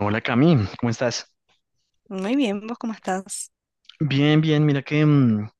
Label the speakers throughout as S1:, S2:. S1: Hola Cami, ¿cómo estás?
S2: Muy bien, ¿vos cómo estás?
S1: Bien, bien, mira que,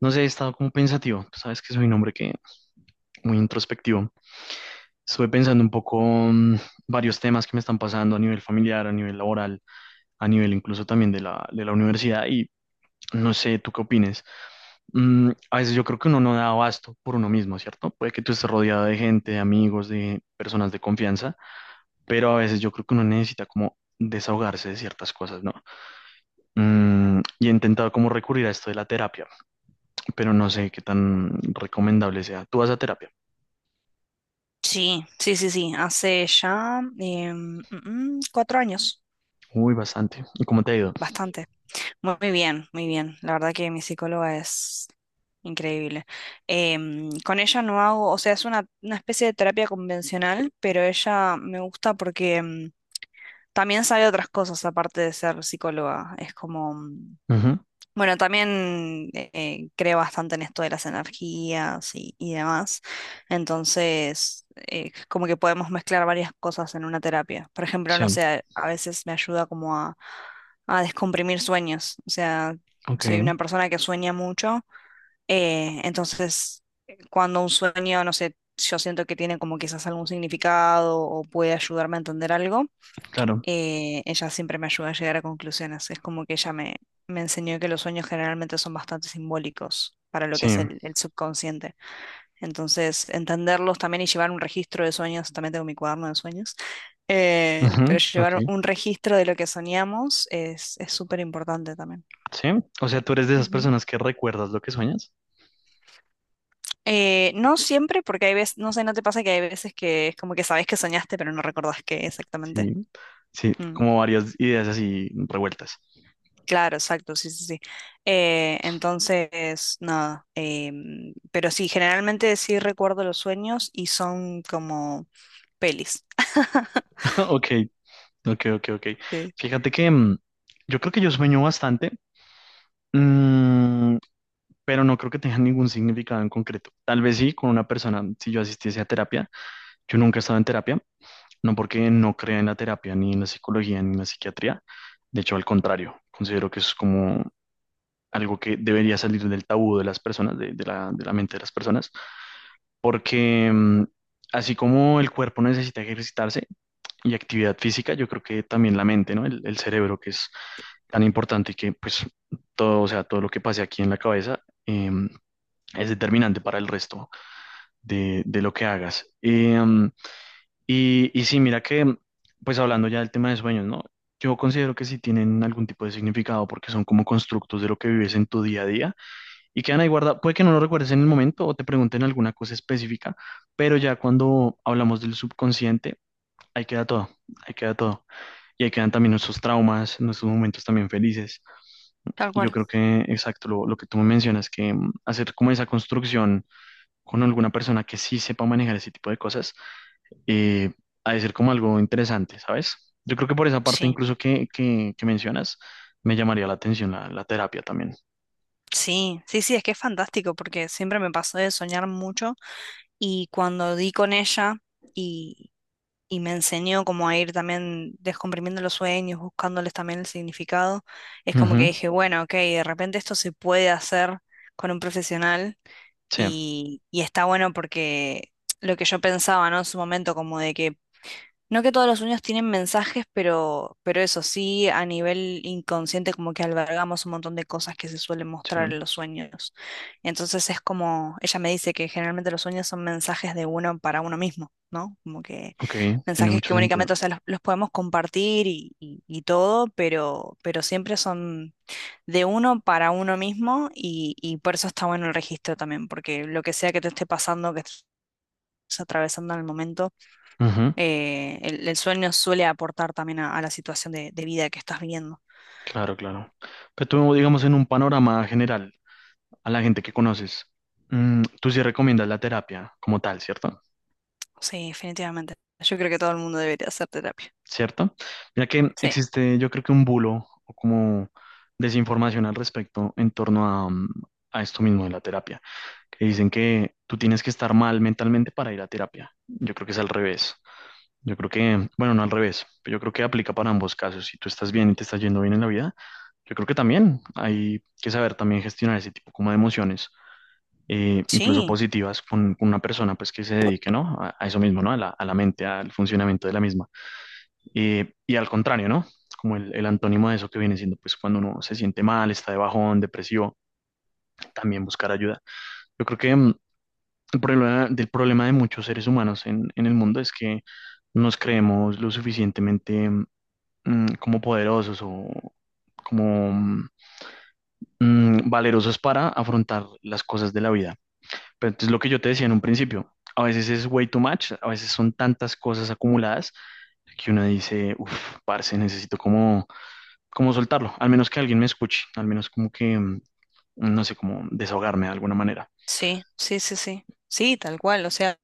S1: no sé, he estado como pensativo. Tú sabes que soy un hombre que muy introspectivo. Estuve pensando un poco varios temas que me están pasando a nivel familiar, a nivel laboral, a nivel incluso también de la universidad. No sé, ¿tú qué opines? A veces yo creo que uno no da abasto por uno mismo, ¿cierto? Puede que tú estés rodeado de gente, de amigos, de personas de confianza, pero a veces yo creo que uno necesita como desahogarse de ciertas cosas, ¿no? Y he intentado como recurrir a esto de la terapia, pero no sé qué tan recomendable sea. ¿Tú vas a terapia?
S2: Sí, sí, sí, sí. Hace ya cuatro años,
S1: Uy, bastante. ¿Y cómo te ha ido?
S2: bastante. Muy bien, muy bien. La verdad que mi psicóloga es increíble. Con ella no hago, o sea, es una especie de terapia convencional, pero ella me gusta porque también sabe otras cosas aparte de ser psicóloga. Es como.
S1: Ujú,
S2: Bueno, también creo bastante en esto de las energías y demás. Entonces, como que podemos mezclar varias cosas en una terapia. Por ejemplo,
S1: sí,
S2: no sé, a veces me ayuda como a descomprimir sueños. O sea,
S1: ok,
S2: soy una persona que sueña mucho. Entonces, cuando un sueño, no sé, yo siento que tiene como quizás algún significado o puede ayudarme a entender algo,
S1: claro,
S2: ella siempre me ayuda a llegar a conclusiones. Es como que ella me enseñó que los sueños generalmente son bastante simbólicos para lo que
S1: sí,
S2: es el subconsciente. Entonces, entenderlos también y llevar un registro de sueños, también tengo mi cuaderno de sueños,
S1: ujú,
S2: pero
S1: ok,
S2: llevar un registro de lo que soñamos es súper importante también.
S1: sí. O sea, tú eres de esas
S2: Ujú.
S1: personas que recuerdas lo que sueñas.
S2: No siempre, porque hay veces, no sé, ¿no te pasa que hay veces que es como que sabes que soñaste, pero no recordás qué exactamente?
S1: Sí, sí,
S2: Mm.
S1: como varias ideas así revueltas.
S2: Claro, exacto, sí, sí, sí. Entonces, nada, pero sí, generalmente sí recuerdo los sueños y son como pelis.
S1: Ok, ok, ok, ok.
S2: Sí.
S1: Fíjate que yo creo que yo sueño bastante, mm, pero no creo que tenga ningún significado en concreto. Tal vez sí, con una persona, si yo asistiese a terapia. Yo nunca he estado en terapia, no porque no crea en la terapia, ni en la psicología, ni en la psiquiatría. De hecho, al contrario, considero que es como algo que debería salir del tabú de las personas, de la mente de las personas, porque así como el cuerpo necesita ejercitarse y actividad física, yo creo que también la mente, ¿no? El cerebro que es tan importante y que pues todo, o sea, todo lo que pase aquí en la cabeza es determinante para el resto de lo que hagas. Y, y sí, mira que, pues hablando ya del tema de sueños, ¿no? Yo considero que sí tienen algún tipo de significado porque son como constructos de lo que vives en tu día a día y quedan ahí guardados. Puede que no lo recuerdes en el momento o te pregunten alguna cosa específica, pero ya cuando hablamos del subconsciente, ahí queda todo, ahí queda todo. Y ahí quedan también nuestros traumas, nuestros momentos también felices.
S2: Tal
S1: Y yo
S2: cual.
S1: creo que, exacto, lo que tú me mencionas, que hacer como esa construcción con alguna persona que sí sepa manejar ese tipo de cosas, eh, ha de ser como algo interesante, ¿sabes? Yo creo que por esa parte
S2: Sí,
S1: incluso que mencionas, me llamaría la atención la terapia también.
S2: sí, sí, sí, es que es fantástico porque siempre me pasó de soñar mucho y cuando di con ella y y me enseñó como a ir también descomprimiendo los sueños, buscándoles también el significado. Es como que
S1: Ujú,
S2: dije, bueno, ok, de repente esto se puede hacer con un profesional
S1: sí,
S2: y está bueno porque lo que yo pensaba, ¿no? En su momento, como de que no, que todos los sueños tienen mensajes, pero eso sí, a nivel inconsciente como que albergamos un montón de cosas que se suelen mostrar
S1: sí.
S2: en los sueños. Entonces es como, ella me dice que generalmente los sueños son mensajes de uno para uno mismo, ¿no? Como que
S1: Ok, tiene
S2: mensajes
S1: mucho
S2: que
S1: sentido.
S2: únicamente, o sea, los podemos compartir y todo, pero siempre son de uno para uno mismo, y por eso está bueno el registro también, porque lo que sea que te esté pasando, que estés atravesando en el momento,
S1: Ujú,
S2: el sueño suele aportar también a la situación de vida que estás viviendo.
S1: claro, claro. Pero tú, digamos, en un panorama general, a la gente que conoces, tú sí recomiendas la terapia como tal, ¿cierto?
S2: Sí, definitivamente. Yo creo que todo el mundo debería hacer terapia.
S1: ¿Cierto? Mira que
S2: Sí,
S1: existe, yo creo que un bulo o como desinformación al respecto en torno a, a esto mismo de la terapia, que dicen que tú tienes que estar mal mentalmente para ir a terapia. Yo creo que es al revés. Yo creo que, bueno, no al revés, pero yo creo que aplica para ambos casos. Si tú estás bien y te estás yendo bien en la vida, yo creo que también hay que saber también gestionar ese tipo como de emociones, incluso
S2: sí,
S1: positivas, con una persona pues que se dedique, ¿no? A eso mismo, ¿no? A la mente, al funcionamiento de la misma. Y al contrario, ¿no? Como el antónimo de eso que viene siendo pues cuando uno se siente mal, está de bajón, depresivo, también buscar ayuda. Yo creo que el problema, del problema de muchos seres humanos en el mundo es que nos creemos lo suficientemente como poderosos o como valerosos para afrontar las cosas de la vida. Pero entonces lo que yo te decía en un principio, a veces es way too much, a veces son tantas cosas acumuladas que uno dice, uff, parce, necesito como, como soltarlo, al menos que alguien me escuche, al menos como que, no sé, como desahogarme de alguna manera.
S2: sí, sí, sí, sí. Sí, tal cual. O sea,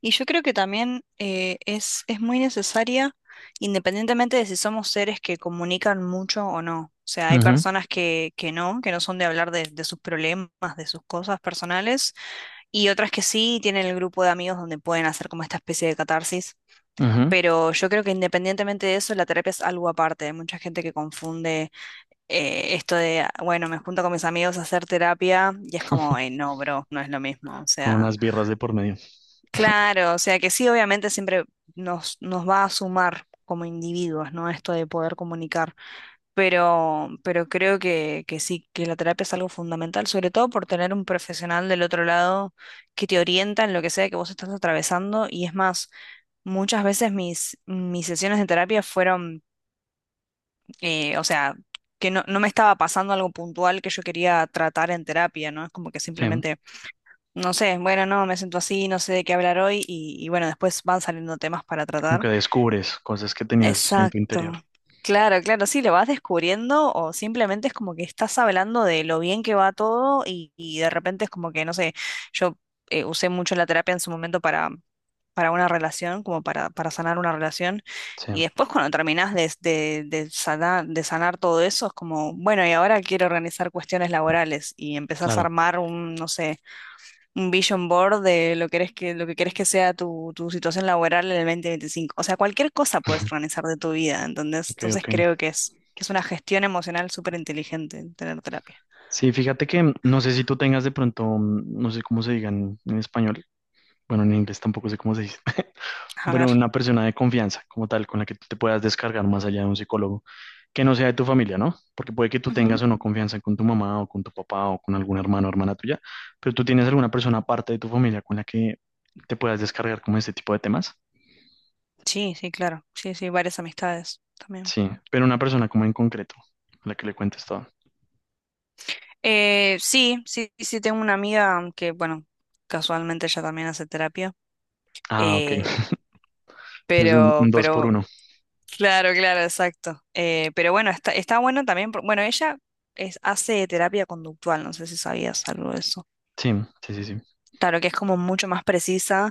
S2: y yo creo que también es muy necesaria, independientemente de si somos seres que comunican mucho o no. O sea, hay
S1: Ujú,
S2: personas que no son de hablar de sus problemas, de sus cosas personales, y otras que sí tienen el grupo de amigos donde pueden hacer como esta especie de catarsis.
S1: ujú.
S2: Pero yo creo que independientemente de eso, la terapia es algo aparte. Hay mucha gente que confunde esto de: "Ah, bueno, me junto con mis amigos a hacer terapia", y es como: "Ey, no, bro, no es lo mismo". O
S1: Con
S2: sea,
S1: unas birras de por medio.
S2: claro, o sea que sí, obviamente siempre nos va a sumar como individuos, ¿no? Esto de poder comunicar, pero creo que sí, que la terapia es algo fundamental, sobre todo por tener un profesional del otro lado que te orienta en lo que sea que vos estás atravesando. Y es más, muchas veces mis sesiones de terapia fueron, o sea, que no me estaba pasando algo puntual que yo quería tratar en terapia, ¿no? Es como que
S1: Sí,
S2: simplemente, no sé, bueno, no, me siento así, no sé de qué hablar hoy y bueno, después van saliendo temas para
S1: como
S2: tratar.
S1: que descubres cosas que tenías en tu interior.
S2: Exacto. Claro, claro, sí, lo vas descubriendo o simplemente es como que estás hablando de lo bien que va todo y de repente es como que, no sé, yo usé mucho la terapia en su momento, para una relación, como para sanar una relación.
S1: Sí,
S2: Y después, cuando terminás de sanar todo eso es como, bueno, y ahora quiero organizar cuestiones laborales y empezás a
S1: claro.
S2: armar un, no sé, un vision board de lo que quieres que sea tu situación laboral en el 2025. O sea, cualquier cosa puedes organizar de tu vida, ¿entendés?
S1: Ok,
S2: Entonces,
S1: ok.
S2: creo que es una gestión emocional súper inteligente tener terapia.
S1: Sí, fíjate que no sé si tú tengas de pronto, no sé cómo se digan en español, bueno, en inglés tampoco sé cómo se dice,
S2: A
S1: pero
S2: ver.
S1: una persona de confianza como tal, con la que tú te puedas descargar más allá de un psicólogo, que no sea de tu familia, ¿no? Porque puede que tú
S2: Ujú.
S1: tengas o no confianza con tu mamá o con tu papá o con algún hermano o hermana tuya, pero tú tienes alguna persona aparte de tu familia con la que te puedas descargar como este tipo de temas.
S2: Sí, sí, claro. Sí, sí, varias amistades también.
S1: Sí, pero una persona como en concreto, a la que le cuentes todo.
S2: Sí, sí, sí, tengo una amiga que, bueno, casualmente ella también hace terapia.
S1: Ah, ok.
S2: eh,
S1: Entonces un
S2: pero,
S1: dos por
S2: pero
S1: uno.
S2: Claro, claro, exacto. Pero bueno, está bueno también. Bueno, ella hace terapia conductual, no sé si sabías algo de eso.
S1: Sí, sí, sí, sí.
S2: Claro que es como mucho más precisa,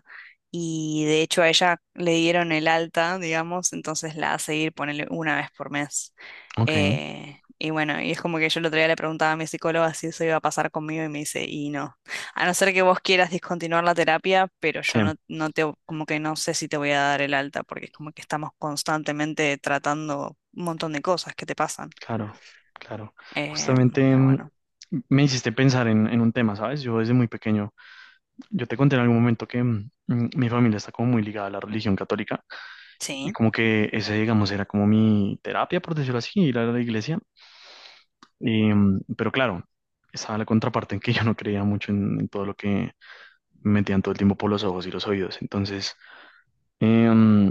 S2: y de hecho a ella le dieron el alta, digamos, entonces la hace ir, ponele una vez por mes.
S1: Ok,
S2: Y bueno, y es como que yo el otro día le preguntaba a mi psicóloga si eso iba a pasar conmigo y me dice, y no. A no ser que vos quieras discontinuar la terapia, pero yo
S1: sí.
S2: no te, como que no sé si te voy a dar el alta, porque es como que estamos constantemente tratando un montón de cosas que te pasan.
S1: Claro, claro. Justamente
S2: Pero bueno,
S1: me hiciste pensar en un tema, ¿sabes? Yo desde muy pequeño, yo te conté en algún momento que mi familia está como muy ligada a la religión católica y
S2: sí,
S1: como que ese, digamos, era como mi terapia, por decirlo así, ir a la iglesia. Y, mm, pero claro, estaba la contraparte en que yo no creía mucho en todo lo que me metían todo el tiempo por los ojos y los oídos. Entonces, eh, mm,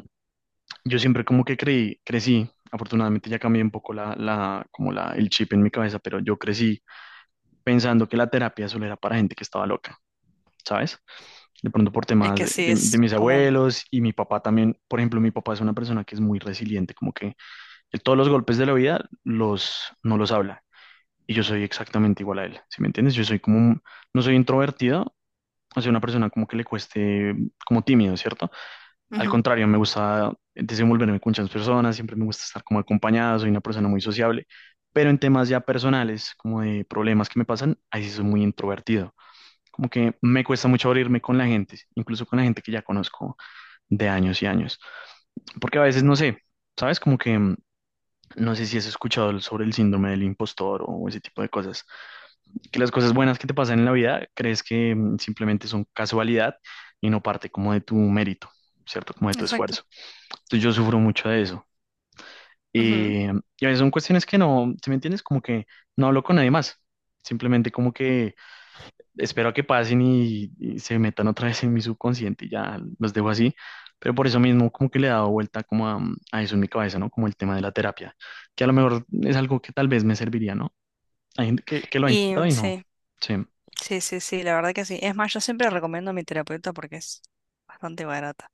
S1: yo siempre como que creí, crecí, afortunadamente ya cambié un poco como la, el chip en mi cabeza, pero yo crecí pensando que la terapia solo era para gente que estaba loca, ¿sabes? De pronto por
S2: es
S1: temas
S2: que sí
S1: de
S2: es
S1: mis
S2: como.
S1: abuelos y mi papá también, por ejemplo, mi papá es una persona que es muy resiliente, como que él todos los golpes de la vida no los habla. Y yo soy exactamente igual a él, ¿sí me entiendes? Yo soy como, no soy introvertido, o sea, una persona como que le cueste, como tímido, ¿cierto? Al
S2: Ujú,
S1: contrario, me gusta desenvolverme con muchas personas, siempre me gusta estar como acompañado, soy una persona muy sociable, pero en temas ya personales, como de problemas que me pasan, ahí sí soy muy introvertido. Como que me cuesta mucho abrirme con la gente, incluso con la gente que ya conozco de años y años. Porque a veces no sé, ¿sabes? Como que no sé si has escuchado sobre el síndrome del impostor o ese tipo de cosas. Que las cosas buenas que te pasan en la vida crees que simplemente son casualidad y no parte como de tu mérito, ¿cierto? Como de tu
S2: exacto.
S1: esfuerzo. Entonces yo sufro mucho de eso. Eh, y a veces son cuestiones que no, ¿sí me entiendes? Como que no hablo con nadie más. Simplemente como que espero que pasen y se metan otra vez en mi subconsciente y ya los dejo así. Pero por eso mismo como que le he dado vuelta como a eso en mi cabeza, ¿no? Como el tema de la terapia, que a lo mejor es algo que tal vez me serviría, ¿no? Hay gente que lo ha
S2: Y
S1: intentado y no.
S2: sí,
S1: Sí.
S2: sí, sí, sí, la verdad que sí. Es más, yo siempre recomiendo a mi terapeuta porque es bastante barata.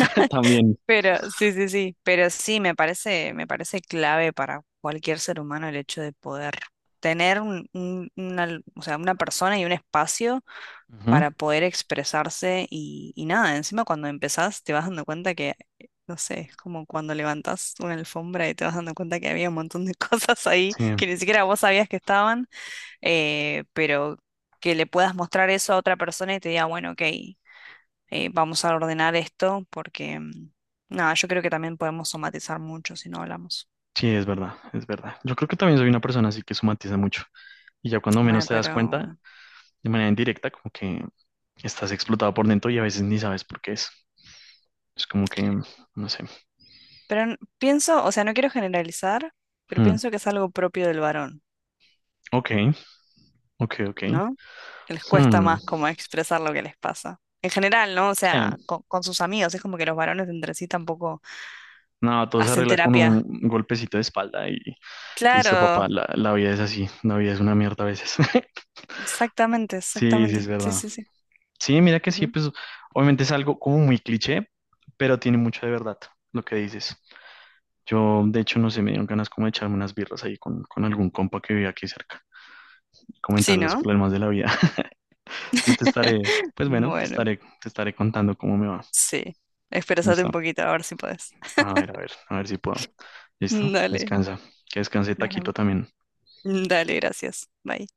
S1: También.
S2: Pero sí, sí, sí, pero sí, me parece clave para cualquier ser humano el hecho de poder tener una, o sea, una persona y un espacio
S1: Ujú,
S2: para poder expresarse y nada. Encima, cuando empezás te vas dando cuenta que, no sé, es como cuando levantás una alfombra y te vas dando cuenta que había un montón de cosas ahí
S1: sí,
S2: que ni siquiera vos sabías que estaban, pero que le puedas mostrar eso a otra persona y te diga, bueno, ok, vamos a ordenar esto porque, nada, yo creo que también podemos somatizar mucho si no hablamos.
S1: sí, es verdad, es verdad. Yo creo que también soy una persona así que somatiza mucho. Y ya cuando
S2: Bueno,
S1: menos te das cuenta,
S2: pero,
S1: de manera indirecta, como que estás explotado por dentro y a veces ni sabes por qué es. Es como que, no sé.
S2: pero n- pienso, o sea, no quiero generalizar, pero
S1: Hmm,
S2: pienso que es algo propio del varón,
S1: ok, ok, ok.
S2: ¿no? Que les cuesta
S1: Hmm,
S2: más como expresar lo que les pasa. En general, ¿no? O sea,
S1: sí.
S2: con sus amigos, es como que los varones entre sí tampoco
S1: No, todo se
S2: hacen
S1: arregla con
S2: terapia.
S1: un golpecito de espalda y listo,
S2: Claro,
S1: papá, la vida es así, la vida es una mierda a veces.
S2: exactamente,
S1: Sí, sí, es
S2: exactamente. Sí,
S1: verdad.
S2: sí, sí.
S1: Sí, mira que sí,
S2: Ujú.
S1: pues obviamente es algo como muy cliché, pero tiene mucho de verdad lo que dices. Yo, de hecho, no sé, me dieron ganas como de echarme unas birras ahí con algún compa que vive aquí cerca, y comentar
S2: Sí,
S1: los
S2: ¿no?
S1: problemas de la vida. Entonces te estaré, pues bueno,
S2: Bueno,
S1: te estaré contando cómo me va.
S2: sí. Expresate un
S1: ¿Listo?
S2: poquito, a ver si puedes.
S1: A ver, a ver, a ver si puedo. ¿Listo?
S2: Dale.
S1: Descansa. Que descanse Taquito
S2: Bueno,
S1: también.
S2: dale, gracias. Bye.